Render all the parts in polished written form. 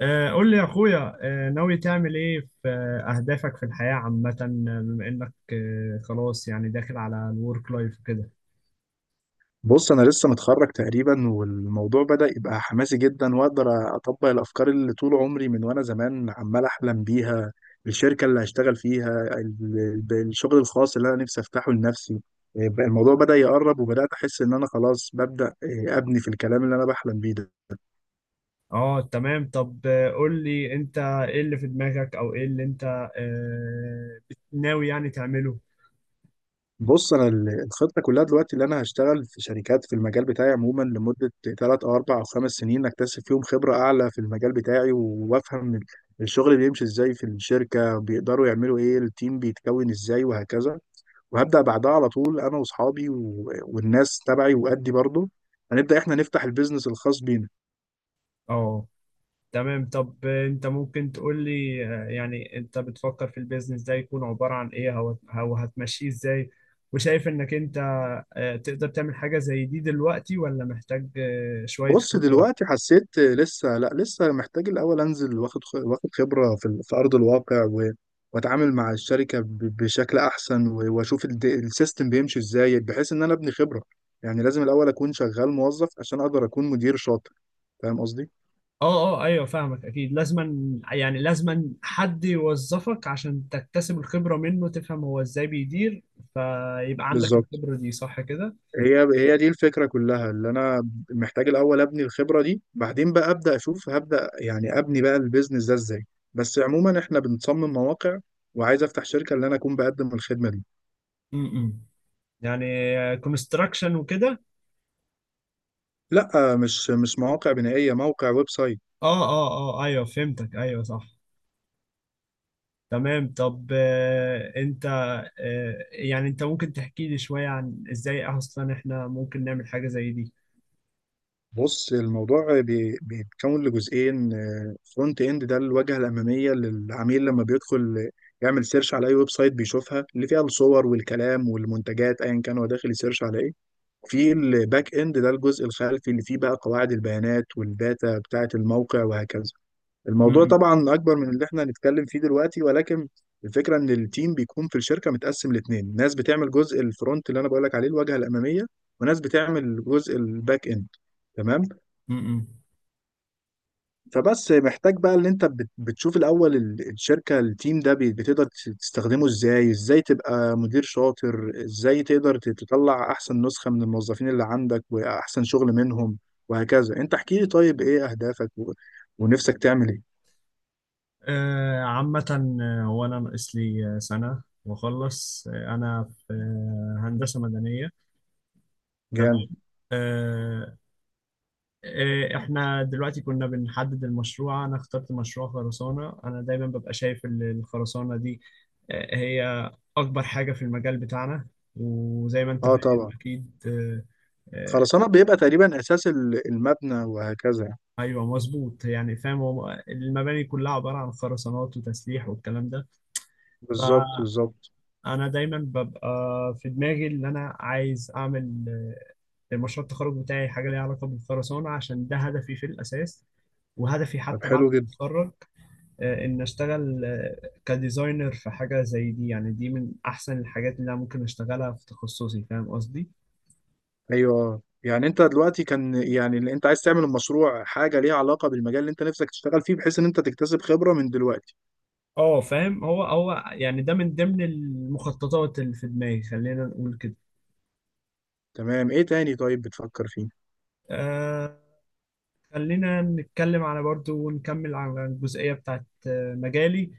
قول لي يا اخويا، ناوي تعمل ايه في اهدافك في الحياة عامة، بما انك خلاص يعني داخل على الورك لايف وكده. بص، انا لسه متخرج تقريبا، والموضوع بدأ يبقى حماسي جدا، واقدر اطبق الافكار اللي طول عمري من وانا زمان عمال احلم بيها. الشركة اللي هشتغل فيها الشغل الخاص اللي انا نفسي افتحه لنفسي. الموضوع بدأ يقرب، وبدأت احس ان انا خلاص ببدأ ابني في الكلام اللي انا بحلم بيه ده. اه تمام. طب قول لي انت ايه اللي في دماغك او ايه اللي انت ناوي يعني تعمله. بص، انا الخطه كلها دلوقتي، اللي انا هشتغل في شركات في المجال بتاعي عموما لمده 3 أو 4 أو 5 سنين، اكتسب فيهم خبره اعلى في المجال بتاعي، و- وافهم الشغل بيمشي ازاي، في الشركه بيقدروا يعملوا ايه، التيم بيتكون ازاي، وهكذا. وهبدا بعدها على طول انا واصحابي و- والناس تبعي وادي برضه، هنبدا احنا نفتح البيزنس الخاص بينا. اه تمام. طب انت ممكن تقول لي، يعني انت بتفكر في البيزنس ده يكون عبارة عن ايه او أو هتمشيه ازاي، وشايف انك انت تقدر تعمل حاجة زي دي دلوقتي ولا محتاج شوية بص، خبرة. دلوقتي حسيت لسه، لا، لسه محتاج الاول انزل، واخد خبره في ارض الواقع، و- واتعامل مع الشركه بشكل احسن، و- واشوف السيستم بيمشي ازاي، بحيث ان انا ابني خبره. يعني لازم الاول اكون شغال موظف عشان اقدر اكون مدير شاطر. فاهم قصدي؟ اه اه ايوه، فاهمك. اكيد لازما يعني لازما حد يوظفك عشان تكتسب الخبرة منه، تفهم هو ازاي بيدير، فيبقى عندك بالظبط. الخبرة دي، صح كده؟ هي هي دي الفكره كلها، اللي انا محتاج الاول ابني الخبره دي، بعدين بقى ابدا اشوف هبدا يعني ابني بقى البيزنس ده ازاي. بس عموما احنا بنصمم مواقع، وعايز افتح شركه اللي انا اكون بقدم الخدمه دي. امم. يعني كونستراكشن وكده. لا، مش مواقع بنائية، موقع ويب سايت. اه اه اه ايوه، فهمتك، ايوه صح. تمام. طب آه انت، آه يعني انت ممكن تحكي لي شوية عن ازاي اصلا احنا ممكن نعمل حاجة زي دي. بص، الموضوع بيتكون لجزئين. فرونت اند ده الواجهة الأمامية للعميل لما بيدخل يعمل سيرش على أي ويب سايت، بيشوفها اللي فيها الصور والكلام والمنتجات، أيا كان هو داخل يسيرش على إيه. في الباك اند ده الجزء الخلفي اللي فيه بقى قواعد البيانات والداتا بتاعة الموقع وهكذا. الموضوع امم. طبعا اكبر من اللي احنا هنتكلم فيه دلوقتي، ولكن الفكره ان التيم بيكون في الشركه متقسم لاتنين، ناس بتعمل جزء الفرونت اللي انا بقولك عليه الواجهه الاماميه، وناس بتعمل جزء الباك اند. تمام. امم. فبس محتاج بقى ان انت بتشوف الاول الشركه، التيم ده بتقدر تستخدمه ازاي، ازاي تبقى مدير شاطر، ازاي تقدر تطلع احسن نسخه من الموظفين اللي عندك واحسن شغل منهم، وهكذا. انت احكي لي طيب ايه اهدافك ونفسك تعمل ايه. عامة، هو أنا ناقص لي سنة وأخلص. أنا في هندسة مدنية. تمام. جامد. آه، إحنا دلوقتي كنا بنحدد المشروع، أنا اخترت مشروع خرسانة. أنا دايما ببقى شايف الخرسانة دي هي أكبر حاجة في المجال بتاعنا، وزي ما أنت اه فاهم طبعا. أكيد. آه، خرسانة بيبقى تقريبا أساس المبنى وهكذا. أيوه مظبوط، يعني فاهم. هو المباني كلها عبارة عن خرسانات وتسليح والكلام ده. بالظبط، بالظبط. انا دايما ببقى في دماغي اللي انا عايز اعمل المشروع التخرج بتاعي حاجه ليها علاقه بالخرسانه، عشان ده هدفي في الاساس، وهدفي طب، حتى بعد حلو ما جدا. اتخرج ان اشتغل كديزاينر في حاجه زي دي. يعني دي من احسن الحاجات اللي انا ممكن اشتغلها في تخصصي، فاهم قصدي؟ أيوه، آه. يعني أنت دلوقتي كان يعني اللي أنت عايز تعمل المشروع حاجة ليها علاقة بالمجال اللي أنت نفسك تشتغل فيه، بحيث إن أنت تكتسب خبرة من دلوقتي. اه فاهم. هو يعني ده من ضمن المخططات اللي في دماغي، خلينا نقول كده. تمام، إيه تاني طيب بتفكر فيه؟ آه خلينا نتكلم على برضو، ونكمل على الجزئيه بتاعت مجالي.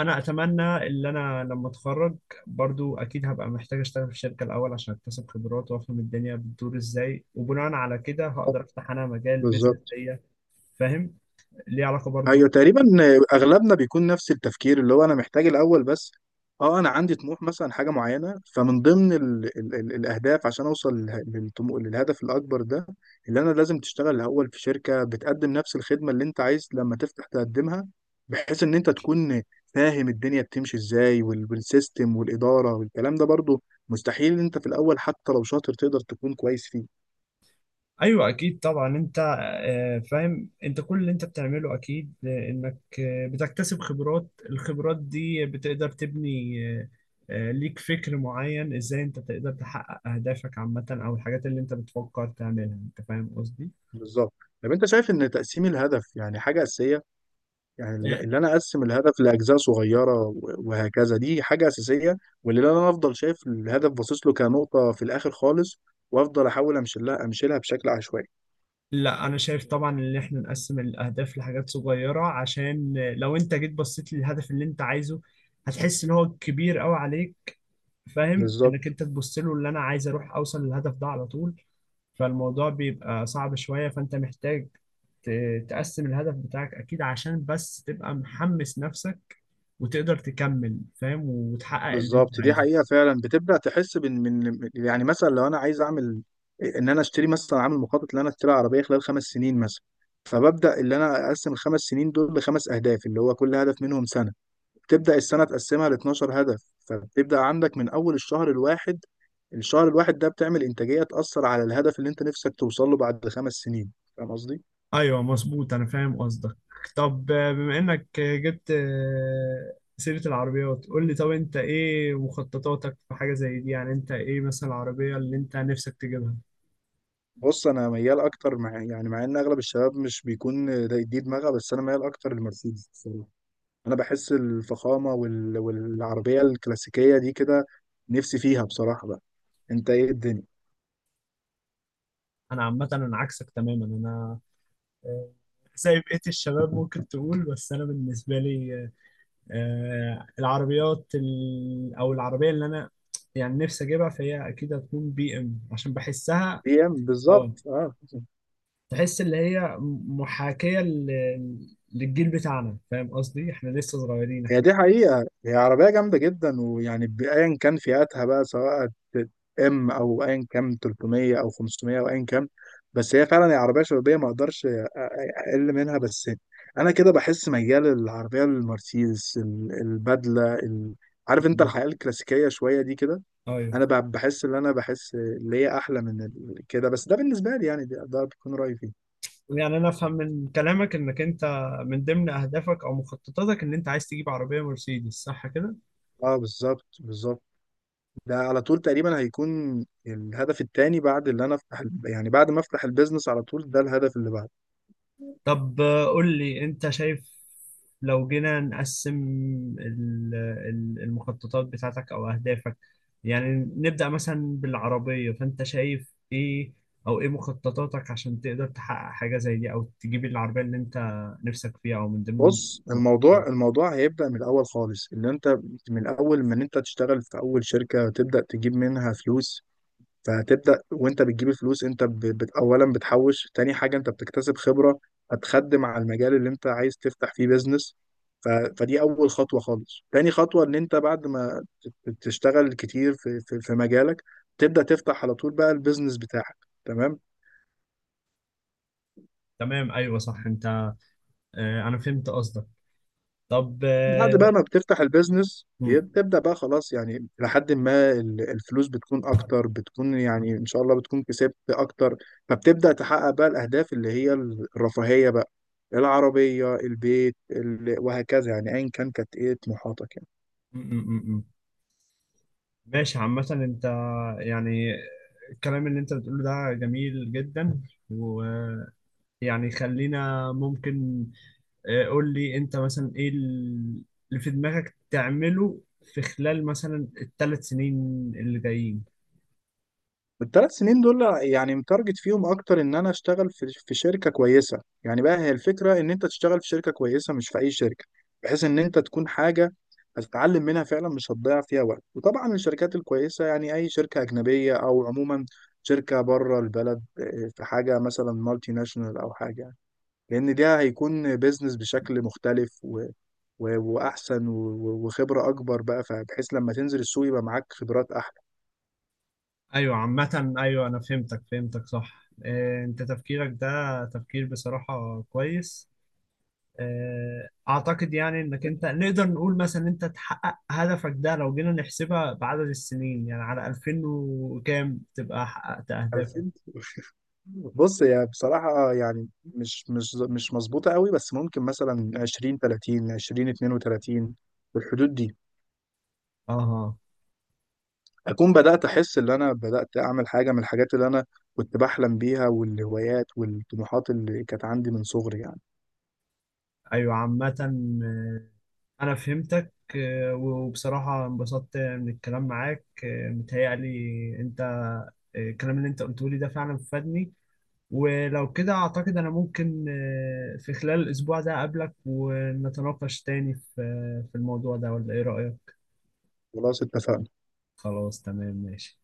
انا اتمنى ان انا لما اتخرج برضو اكيد هبقى محتاج اشتغل في شركه الاول، عشان اكتسب خبرات وافهم الدنيا بتدور ازاي، وبناء على كده هقدر افتح انا مجال بيزنس بالظبط. ليا. فاهم، ليه علاقه برضو. ايوه، تقريبا اغلبنا بيكون نفس التفكير، اللي هو انا محتاج الاول بس، اه، انا عندي طموح مثلا حاجه معينه، فمن ضمن ال ال ال الاهداف عشان اوصل للهدف الاكبر ده، اللي انا لازم تشتغل الاول في شركه بتقدم نفس الخدمه اللي انت عايز لما تفتح تقدمها، بحيث ان انت تكون فاهم الدنيا بتمشي ازاي، وال- والسيستم والاداره والكلام ده برضو. مستحيل انت في الاول حتى لو شاطر تقدر تكون كويس فيه. ايوه اكيد طبعا. انت فاهم انت كل اللي انت بتعمله اكيد، انك بتكتسب خبرات، الخبرات دي بتقدر تبني ليك فكر معين ازاي انت تقدر تحقق اهدافك عامه، او الحاجات اللي انت بتفكر تعملها، انت فاهم قصدي؟ بالظبط. طب، انت شايف ان تقسيم الهدف يعني حاجه اساسيه؟ يعني اللي انا اقسم الهدف لاجزاء صغيره و- وهكذا دي حاجه اساسيه، واللي انا افضل شايف الهدف باصص له كنقطه في الاخر خالص، وافضل احاول امشلها بشكل عشوائي. لا انا شايف طبعا ان احنا نقسم الاهداف لحاجات صغيره، عشان لو انت جيت بصيت للهدف اللي انت عايزه هتحس ان هو كبير قوي عليك. فاهم، انك بالظبط، انت تبص له، اللي انا عايز اروح اوصل للهدف ده على طول، فالموضوع بيبقى صعب شويه. فانت محتاج تقسم الهدف بتاعك اكيد، عشان بس تبقى محمس نفسك، وتقدر تكمل، فاهم، وتحقق اللي انت بالظبط. دي عايزه. حقيقه، فعلا بتبدا تحس بان من يعني مثلا لو انا عايز اعمل ان انا اشتري مثلا، عامل مخطط ان انا اشتري عربيه خلال 5 سنين مثلا، فببدا اللي انا اقسم الخمس سنين دول لخمس اهداف، اللي هو كل هدف منهم سنه. تبدأ السنة تقسمها ل 12 هدف، فبتبدأ عندك من أول الشهر الواحد. الشهر الواحد ده بتعمل إنتاجية تأثر على الهدف اللي أنت نفسك توصل له بعد 5 سنين. فاهم قصدي؟ ايوه مظبوط، انا فاهم قصدك. طب بما انك جبت سيرة العربيات، قول لي طب انت ايه مخططاتك في حاجة زي دي؟ يعني انت ايه مثلا العربية اللي انت نفسك تجيبها؟ بص، أنا ميال أكتر مع إن أغلب الشباب مش بيكون دي دماغها، بس أنا ميال أكتر لمرسيدس بصراحة. أنا بحس الفخامة وال... والعربية الكلاسيكية دي كده، نفسي فيها بصراحة بقى. أنت إيه الدنيا؟ انا عامة انا عكسك تماما. انا آه، زي بقية الشباب ممكن تقول، بس انا بالنسبة لي، العربيات او العربية اللي انا يعني نفسي اجيبها، فهي اكيد هتكون بي ام، عشان بحسها. بي إم، اه، بالظبط، أه. تحس اللي هي محاكية للجيل بتاعنا، فاهم قصدي؟ احنا لسه صغيرين هي احنا. دي حقيقة، هي عربية جامدة جدا، ويعني بأيا كان فئاتها بقى، سواء ام او ايا كان 300 او 500 او ايا كان، بس هي فعلا هي عربية شبابية، ما اقدرش اقل منها. بس انا كده بحس ميال للعربية المرسيدس، البدلة، عارف انت الحياة الكلاسيكية شوية دي كده. ايوه. انا بحس ان انا بحس اللي هي احلى من كده، بس ده بالنسبة لي يعني ده بيكون رأيي فيه. يعني انا افهم من كلامك انك انت من ضمن اهدافك او مخططاتك ان انت عايز تجيب عربية مرسيدس، صح كده؟ اه، بالظبط، بالظبط. ده على طول تقريبا هيكون الهدف التاني، بعد اللي انا يعني بعد ما افتح البيزنس على طول، ده الهدف اللي بعده. طب قول لي انت شايف لو جينا نقسم ال- المخططات بتاعتك او اهدافك، يعني نبدأ مثلا بالعربية، فانت شايف ايه او ايه مخططاتك عشان تقدر تحقق حاجة زي دي، او تجيب العربية اللي انت نفسك فيها، او من ضمن بص، الموضوع المخططات. الموضوع هيبدأ من الاول خالص، اللي انت من الاول من انت تشتغل في اول شركة تبدأ تجيب منها فلوس. فهتبدأ وانت بتجيب الفلوس انت اولا بتحوش، تاني حاجة انت بتكتسب خبرة هتخدم على المجال اللي انت عايز تفتح فيه بيزنس. ف... فدي اول خطوة خالص. تاني خطوة ان انت بعد ما تشتغل كتير في مجالك، تبدأ تفتح على طول بقى البيزنس بتاعك. تمام. تمام ايوه صح. انت انا فهمت قصدك. طب بعد بقى ما بتفتح البيزنس م- م- بتبدأ بقى خلاص يعني لحد ما الفلوس بتكون أكتر، بتكون يعني إن شاء الله بتكون كسبت أكتر، فبتبدأ تحقق بقى الأهداف اللي هي الرفاهية بقى: العربية، البيت، وهكذا يعني، أيا كان كانت إيه طموحاتك يعني. م- م- ماشي. عامة انت يعني الكلام اللي انت بتقوله ده جميل جدا. يعني خلينا ممكن، قول لي انت مثلا ايه اللي في دماغك تعمله في خلال مثلا الثلاث سنين اللي جايين. الثلاث سنين دول يعني متارجت فيهم اكتر ان انا اشتغل في شركه كويسه، يعني بقى هي الفكره ان انت تشتغل في شركه كويسه، مش في اي شركه، بحيث ان انت تكون حاجه هتتعلم منها فعلا، مش هتضيع فيها وقت. وطبعا الشركات الكويسه يعني اي شركه اجنبيه، او عموما شركه بره البلد، إيه، في حاجه مثلا مالتي ناشونال او حاجه يعني. لان ده هيكون بيزنس بشكل مختلف و... و... واحسن، وخبره اكبر بقى، فبحيث لما تنزل السوق يبقى معاك خبرات. ايوه عامة، ايوه انا فهمتك صح. انت تفكيرك ده تفكير بصراحة كويس، اعتقد. يعني انك انت نقدر نقول مثلا انت تحقق هدفك ده، لو جينا نحسبها بعدد السنين، يعني على 2000 وكام تبقى حققت احلى. اهدافك. بص، هي بصراحة يعني مش مظبوطة قوي، بس ممكن مثلا 20 30 20 32، في الحدود دي، اها. أكون بدأت أحس إن أنا بدأت أعمل حاجة من الحاجات اللي أنا كنت بحلم بيها، والهوايات والطموحات اللي كانت عندي من صغري يعني. ايوه عامة، آه، انا فهمتك، وبصراحة انبسطت من الكلام معاك. متهيألي انت، الكلام اللي انت قلته لي ده فعلا فادني. ولو كده اعتقد انا ممكن في خلال الاسبوع ده اقابلك ونتناقش تاني في في الموضوع ده، ولا ايه رأيك؟ خلاص، اتفقنا. خلاص تمام ماشي.